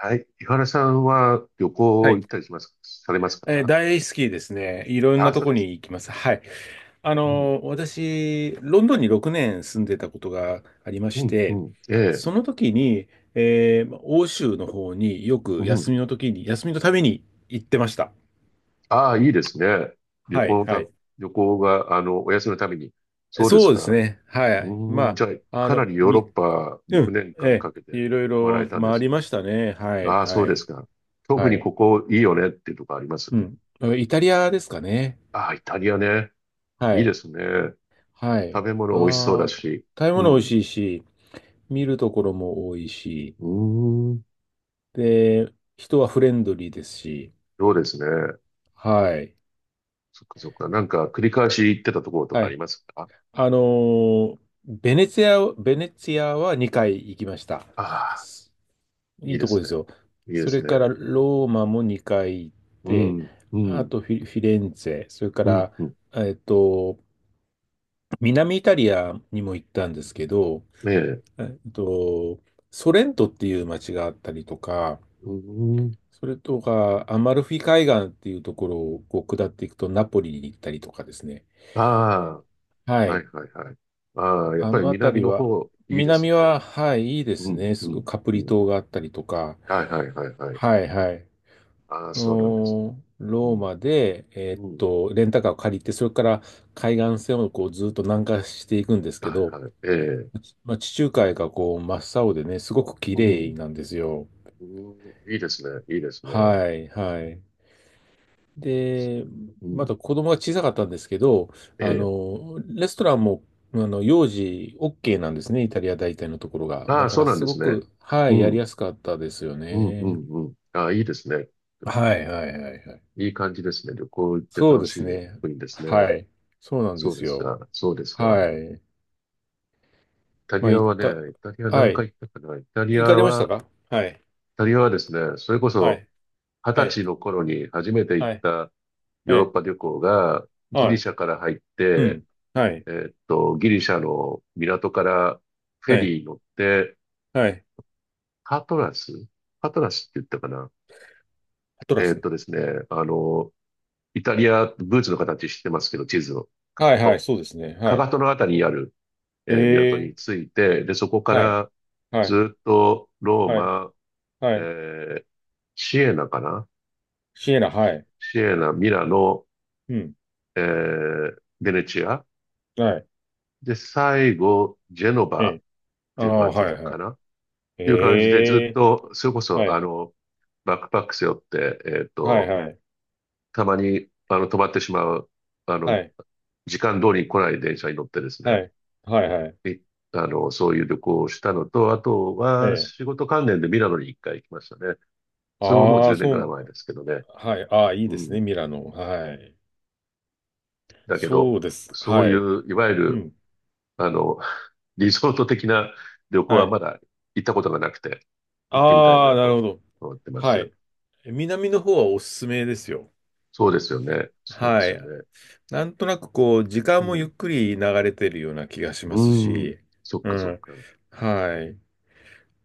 はい。井原さんは旅は行い。行ったりします、されますか？大好きですね。いろんあなあ、とそうこです。に行きます。はい。うん。私、ロンドンに6年住んでたことがありましうん、うて、ん。ええ。その時に、欧州の方にようくん。休みの時に、休みのために行ってました。ああ、いいですね。旅は行い、のはた、い。旅行が、お休みのために。そうですそうですか。ね。はい。うん。まじゃあ、あ、あかなの、りヨーロッみ、パう6ん、年間えかけえていろい回られろたんで回すりね。ましたね。はい、ああ、そはうでい、すか。特はにい。ここいいよねっていうとこあります？うん。イタリアですかね。ああ、イタリアね。はいいでい。すね。は食い。べ物美味しそうだああ、し。食べう物美味ん。しいし、見るところも多いし、うーん。で、人はフレンドリーですし、そうですね。はい。そっかそっか。なんか繰り返し行ってたところとはかありい。ますか？あのーベネツィア、ベネツィアは2回行きました。ああ、すいいいいでとこすでね。すよ。いいでそすれね。からローマも2回行っうて、ん、うあん、とフィレンツェ、それかうん、ら、うん。えっと、南イタリアにも行ったんですけど、ねえ。えっと、ソレントっていう街があったりとか、うん。それとか、アマルフィ海岸っていうところをこう下っていくとナポリに行ったりとかですね。あはあ、はい。いはいはい。ああ、やっあぱのり南辺りのは、方、いいです南ね。は、はい、いいでうすん、ね。うん、カプうリん。島があったりとか。はいはいはいはい。はい、はい。ああ、そうなんですね。うローん、マで、うん。レンタカーを借りて、それから海岸線をこうずっと南下していくんですけはど、いはい。ええ。まあ、地中海がこう真っ青でね、すごく綺う麗ん、なんですよ。うん。いいですね。いいですね。はい、はい。で、うまん。だ子供が小さかったんですけど、えあえ。の、レストランも、あの、幼児 OK なんですね、イタリア大体のところが。あだあ、かそうらなんすでごすね。く、はうい、やりん。やすかったですようん、うね。ん、うん。ああ、いいですね。はいはいはいはい。いい感じですね。旅行行ってそう楽でしすいね。国ですね。はい。そうなんでそうですすよ。か。そうですか。イはい。タまリあ、ア行っはね、た、イタリアは何い。回行ったかな。イタリア行かれましたは、か。はい。イタリアはですね、それこはそい。二は十い。歳の頃に初めて行っはたヨーロッい。ええ。パ旅行がギはリい。シャから入っうて、ん。はい。ギリシャの港からフェはい。リー乗って、はい。パトラスって言ったかな。アトラス。ですね、あの、イタリア、ブーツの形してますけど、地図をはいはいはいはいはいうんはいはいはいアトラス描はくいはいと、そうですね。かはかい。とのあたりにある港ええ。に着いて、で、そこかはい。らはいずっとローはい。マ、はい。えーシエナかな、シエナ、はシい。シエナ、ミラノ、うん。ベネチア。はい。で、最後、ジェノえバえ。ああ、はい、はい。っていう感じでずえっえ。と、それこはそ、い。バックパック背負って、はい、はい。たまに、止まってしまう、あはの、い。時間通りに来ない電車に乗ってですね、はい。はい、はい。いあの、そういう旅行をしたのと、あとえはえ。仕事関連でミラノに一回行きましたね。それももうああ、10年そぐらい前う、ですけどね。はい。ああ、いいでうすね、ん。ミラノ。はい。だけど、そうです。そうはいい。う、いわゆうる、ん。あの、リゾート的な旅行ははい。まだ行ったことがなくて、行ってみたいああ、ななるとほど。思ってまはす。い。南の方はおすすめですよ。そうですよね。そうではすい。よね。なんとなくこう、時間うもゆっん。くり流れてるような気がしまうすん。し、そっうかそっん。か。はい。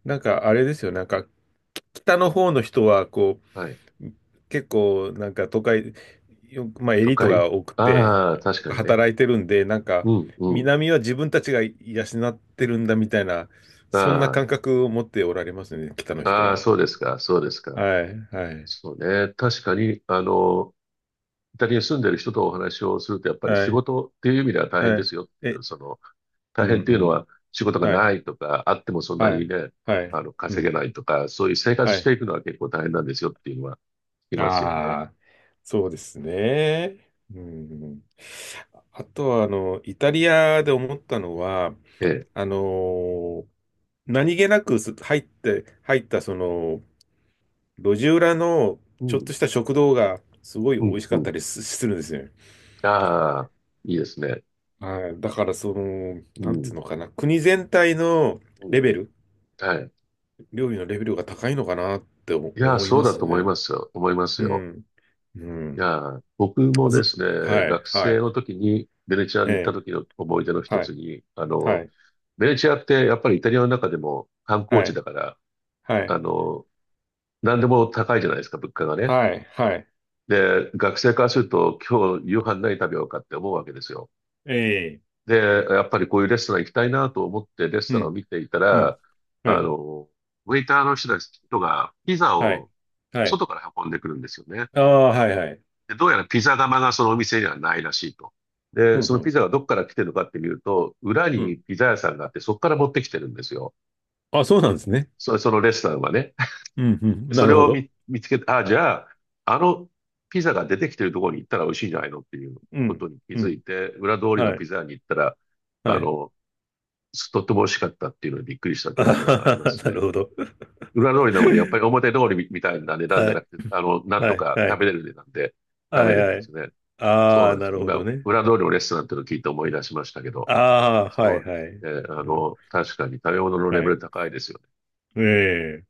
なんかあれですよ、なんか北の方の人はこはい。う結構なんか都会、まあ、エ都リート会。が多くてああー、確かにね。働いてるんで、なんかうん、うん。南は自分たちが養ってるんだみたいな、そんなあ感覚を持っておられますね、北のあ、人ああ、は。そうですか、そうですか。はい、はい、そうね。確かに、イタリアに住んでる人とお話をすると、やっぱりは仕い、事っていう意味では大変はでい。すよっていえ、う、大うん、変ってういうのん。は仕事がはい、ないとか、あってもそんなはにい、ね、はい、う稼げん、ないとか、そういう生活はしい。ていくのは結構大変なんですよっていうのは聞きますよね。ああ、そうですね。うん。あとは、あの、イタリアで思ったのは、ええ。あのー何気なく入って、入った、その、路地裏のうちょっん、とした食堂が、すごいう美ん、味しうかったん。りするんですよ。ああ、いいですね。はい。だから、その、うなんていん、うのかな、国全体のうレん、ベうん。ル、はい。料理のレベルが高いのかなっていやー、思いそうまだすと思いね。ますよ。思いますうよ。ん。ういん。やー、僕もでず、すはね、い、学は生い。の時にベネチアにえ行ったえ。時の思い出の一はついに、はい、ベネチアってやっぱりイタリアの中でも観光は地だい、から、はあい、の、何でも高いじゃないですか、物価がね。はい、はい。で、学生からすると、今日夕飯何食べようかって思うわけですよ。ええ、で、やっぱりこういうレストラン行きたいなと思ってレスうトランをん、見ていたうん、ら、はあい、の、ウェイターの人たちがピザはい、をはい。外から運んでくるんですよね。ああ、はい、はい。で、どうやらピザ窯がそのお店にはないらしいと。うで、ん、そうのピん、ザがどっから来てるのかって見ると、裏うにん。ピザ屋さんがあって、そこから持ってきてるんですよ。あ、そうなんですね。そのレストランはね。うん、うん、そなれるほをど。見つけて、あ、じゃあ、あのピザが出てきてるところに行ったら美味しいんじゃないのっていううことん、に気うづん、いて、裏通りのはピい、ザ屋に行ったら、はあい。の、とっても美味しかったっていうのにびっくりしたあ記憶はがありまは、すなね。るほど。裏 通りなので、やっぱり表通りみたいな値段じはゃない、くて、なんはとい、かは食い、べれる値段で食はべい、れるはでい。すね。そあうなあ、んでなすよ。るほ今、どね。裏通りのレストランっていうのを聞いて思い出しましたけど、ああ、はそい、うではすい。ね。うん、確かに食べ物のレはベい。ル高いですよね。ええ。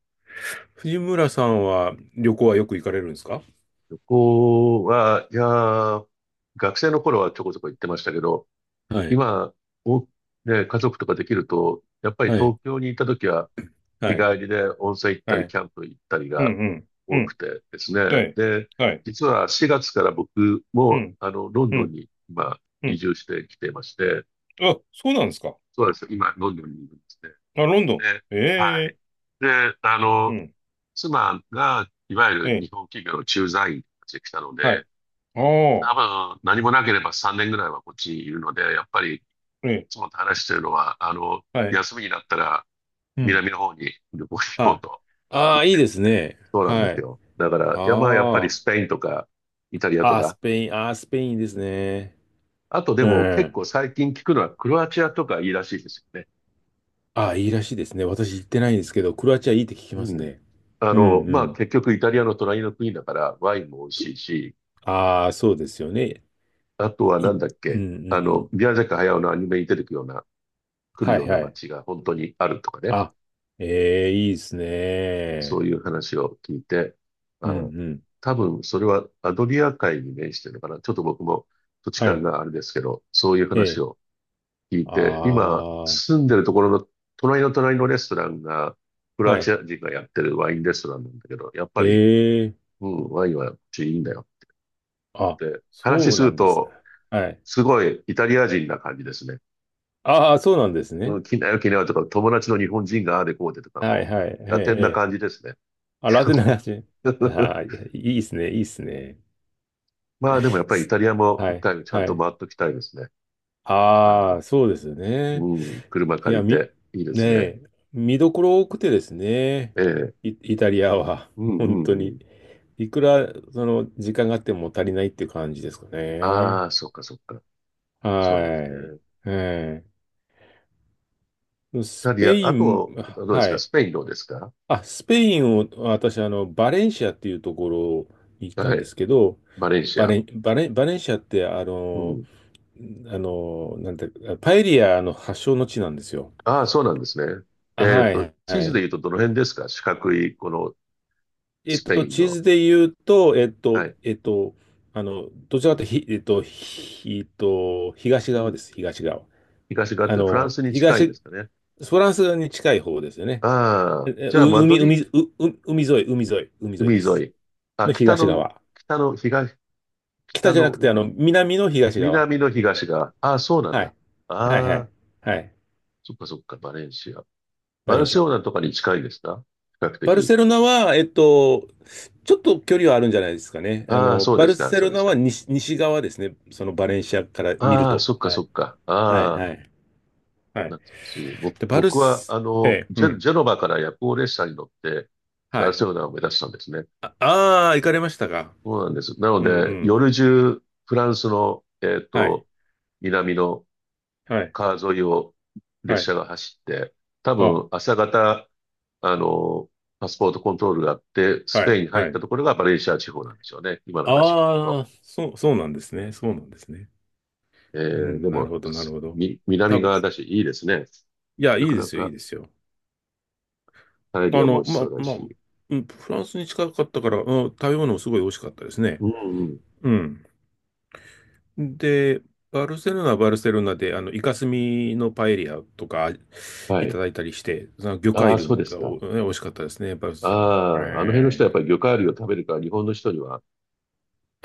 藤村さんは旅行はよく行かれるんですか？旅行は、いやー、学生の頃はちょこちょこ行ってましたけど、はい、今、お、ね、家族とかできると、やっぱりはい、東京にいた時はは日い、帰りで温泉行ったはり、い。キャンプ行ったりうがん、うん、う多くん。てですはね。い。で、はい。実は4月から僕うも、ん。ロンうドンん。に今、う移ん。住してきていまして、あ、そうなんですか。そうなんですよ。今、ロンドンにいるんですね。あ、ロンドン。で、えはい。え、で、うん。妻が、いわゆるええ、日本企業の駐在員として来たのはで、い。あ多あ。分何もなければ3年ぐらいはこっちにいるので、やっぱりいええ、つもと話してるのは、はい。休みになったらうん。南の方に旅行に行こはうい。とあ言っあ、いいてでる。すね。そうなんではすい。よ。だから、いや、まあやっぱりあスペあ。インとかイタリアとああ、スか、ペイン。ああ、スペインですね。あとでうも結ん。構最近聞くのはクロアチアとかいいらしいですよね。ああ、いいらしいですね。私行ってないんですけど、クロアチアいいって聞きまうすん。ね。うんうまあん。結局イタリアの隣の国だからワインも美味しいし、ああ、そうですよね。あとはなうんだっんうけ、んうん。宮崎駿のアニメに出てくるような、来るはよういなはい。街が本当にあるとかね。あ、ええ、いいですそうね。いう話を聞いて、うあんうー、ん。多分それはアドリア海に面してるのかな。ちょっと僕も土地は勘い。があれですけど、そういうえ話え。を聞いて、今ああ、住んでるところの隣の隣のレストランが、クロはアチい。ア人がやってるワインレストランなんだけど、やっぱえり、え。うん、ワインはこっちいいんだよっあ、て話そうすなるんですね。と、はい。すごいイタリア人な感じですね。ああ、そうなんですうね。ん、来なよ来なよとか、友達の日本人がああでこうでとかはい、もはい。えう、え、ラテンえなえ。感じですね。あ、ラテンの 話。ああ、いいっすね、いいっすね。まあでもやっぱりイすタリアもは一い、回ちゃんはとい。回っときたいですね。あああ、の、そうですよね。うん、車い借や、りて、いいでねすね。え、見どころ多くてですね。ええ、イタリアは、う んう本当んうに。ん。いくら、その、時間があっても足りないっていう感じですかね。ああ、そっかそっか。そうなんですね。はイい。ええ、スタリペア、イあン、と、あとどうですはかスい。ペインどうですか？あ、スペインを、私、あの、バレンシアっていうところに行ったはんでい。すけど、バレンシア。バレンシアって、あうの、ん。あの、なんて、パエリアの発祥の地なんですよ。ああ、そうなんですね。あ、はい、地は図で言うい。とどの辺ですか？四角い、このえっスペと、イン地の。図で言うと、えっはと、い。えっと、あの、どちらかというと、ひえっと、ひえっと、東う側ん。です、東側。東側っあてフランの、スに近いんで東、すかね。フランス側に近い方ですよね。あえあ、え、じゃあうマド海、海、リ、う、う海沿い、海沿い海で沿す。い。あ、の北東の、側。北の、東、北北じゃなのくて、あの、海。南の東側。南の東が、ああ、そうなんはだ。い。はいはあい。あ、はい。そっかそっか、バレンシア。ババレルンシセア。ロナとかに近いですか？比較バル的。セロナは、えっと、ちょっと距離はあるんじゃないですかね。あああ、の、そうバですルか、セそうロでナすはか。西、西側ですね。そのバレンシアから見るああ、と。そっかはそい。っか。はいああ、はい。はい。懐かしい。ぼで、バル僕は、ス、ええ、うジェ、ん。ジェノバから夜行列車に乗って、バはルい。セロナを目指したんですね。ああー、行かれましたか。そうなんです。なのうんうで、ん。夜中、フランスの、はい。南のはい。川沿いをは列車い。が走って、多あ、分朝方、あの、パスポートコントロールがあって、スはペイい。ンに入はったい。ところがバレンシア地方なんでしょうね。今の話聞くあと。あ、そう、そうなんですね。そうなんですね。うでん、なるも、ほど、なるほど。南多分、側だし、いいですね。いや、いないかでなすよ、いいかですよ。パエリあアも美の、味しま、そうだまあ、し。うん、フランスに近かったから、うん、食べ物もすごい美味しかったですね。うんうん。うん。で、バルセロナはバルセロナで、あの、イカスミのパエリアとかはいたい。だいたりして、その魚あ介あ、そう類ですがか。美味しかったですね、バルあセロナ。はあ、あの辺の人はやっい。ぱり魚介類を食べるから、日本の人には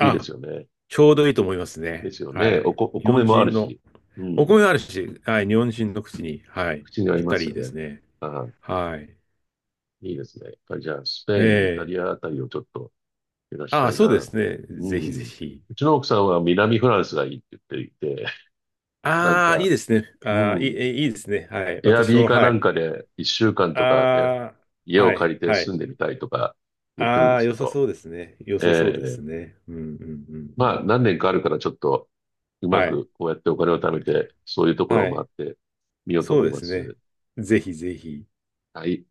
いいですよね。ちょうどいいと思いますでね。すよはね。い。お日米本もある人の、し、うおん。米があるし、はい、日本人の口に、はい、口に合いぴっまたすりよですね。ね。ああ。はい。いいですね。やっぱりじゃあ、スペイン、イタえリえ、アあたりをちょっと目指しあたあ、いそうでな。すね。うぜひぜん。ひ。うちの奥さんは南フランスがいいって言っていて、なんああ、いか、いですね。うああ、ん。いいですね。はい。エア私ビーも、かはない。んかで一週間とかああ、家はを借い、りては住い。んでみたいとか言ってるんあであ、す良けさど、そうですね。良えさそうでえ、すね。うん、うん、うん、うまあん。何年かあるからちょっとうまはい、くこうやってお金を貯めて、そういうところはをい。回ってみようとそ思ういでますね。す。ぜひぜひ。はい。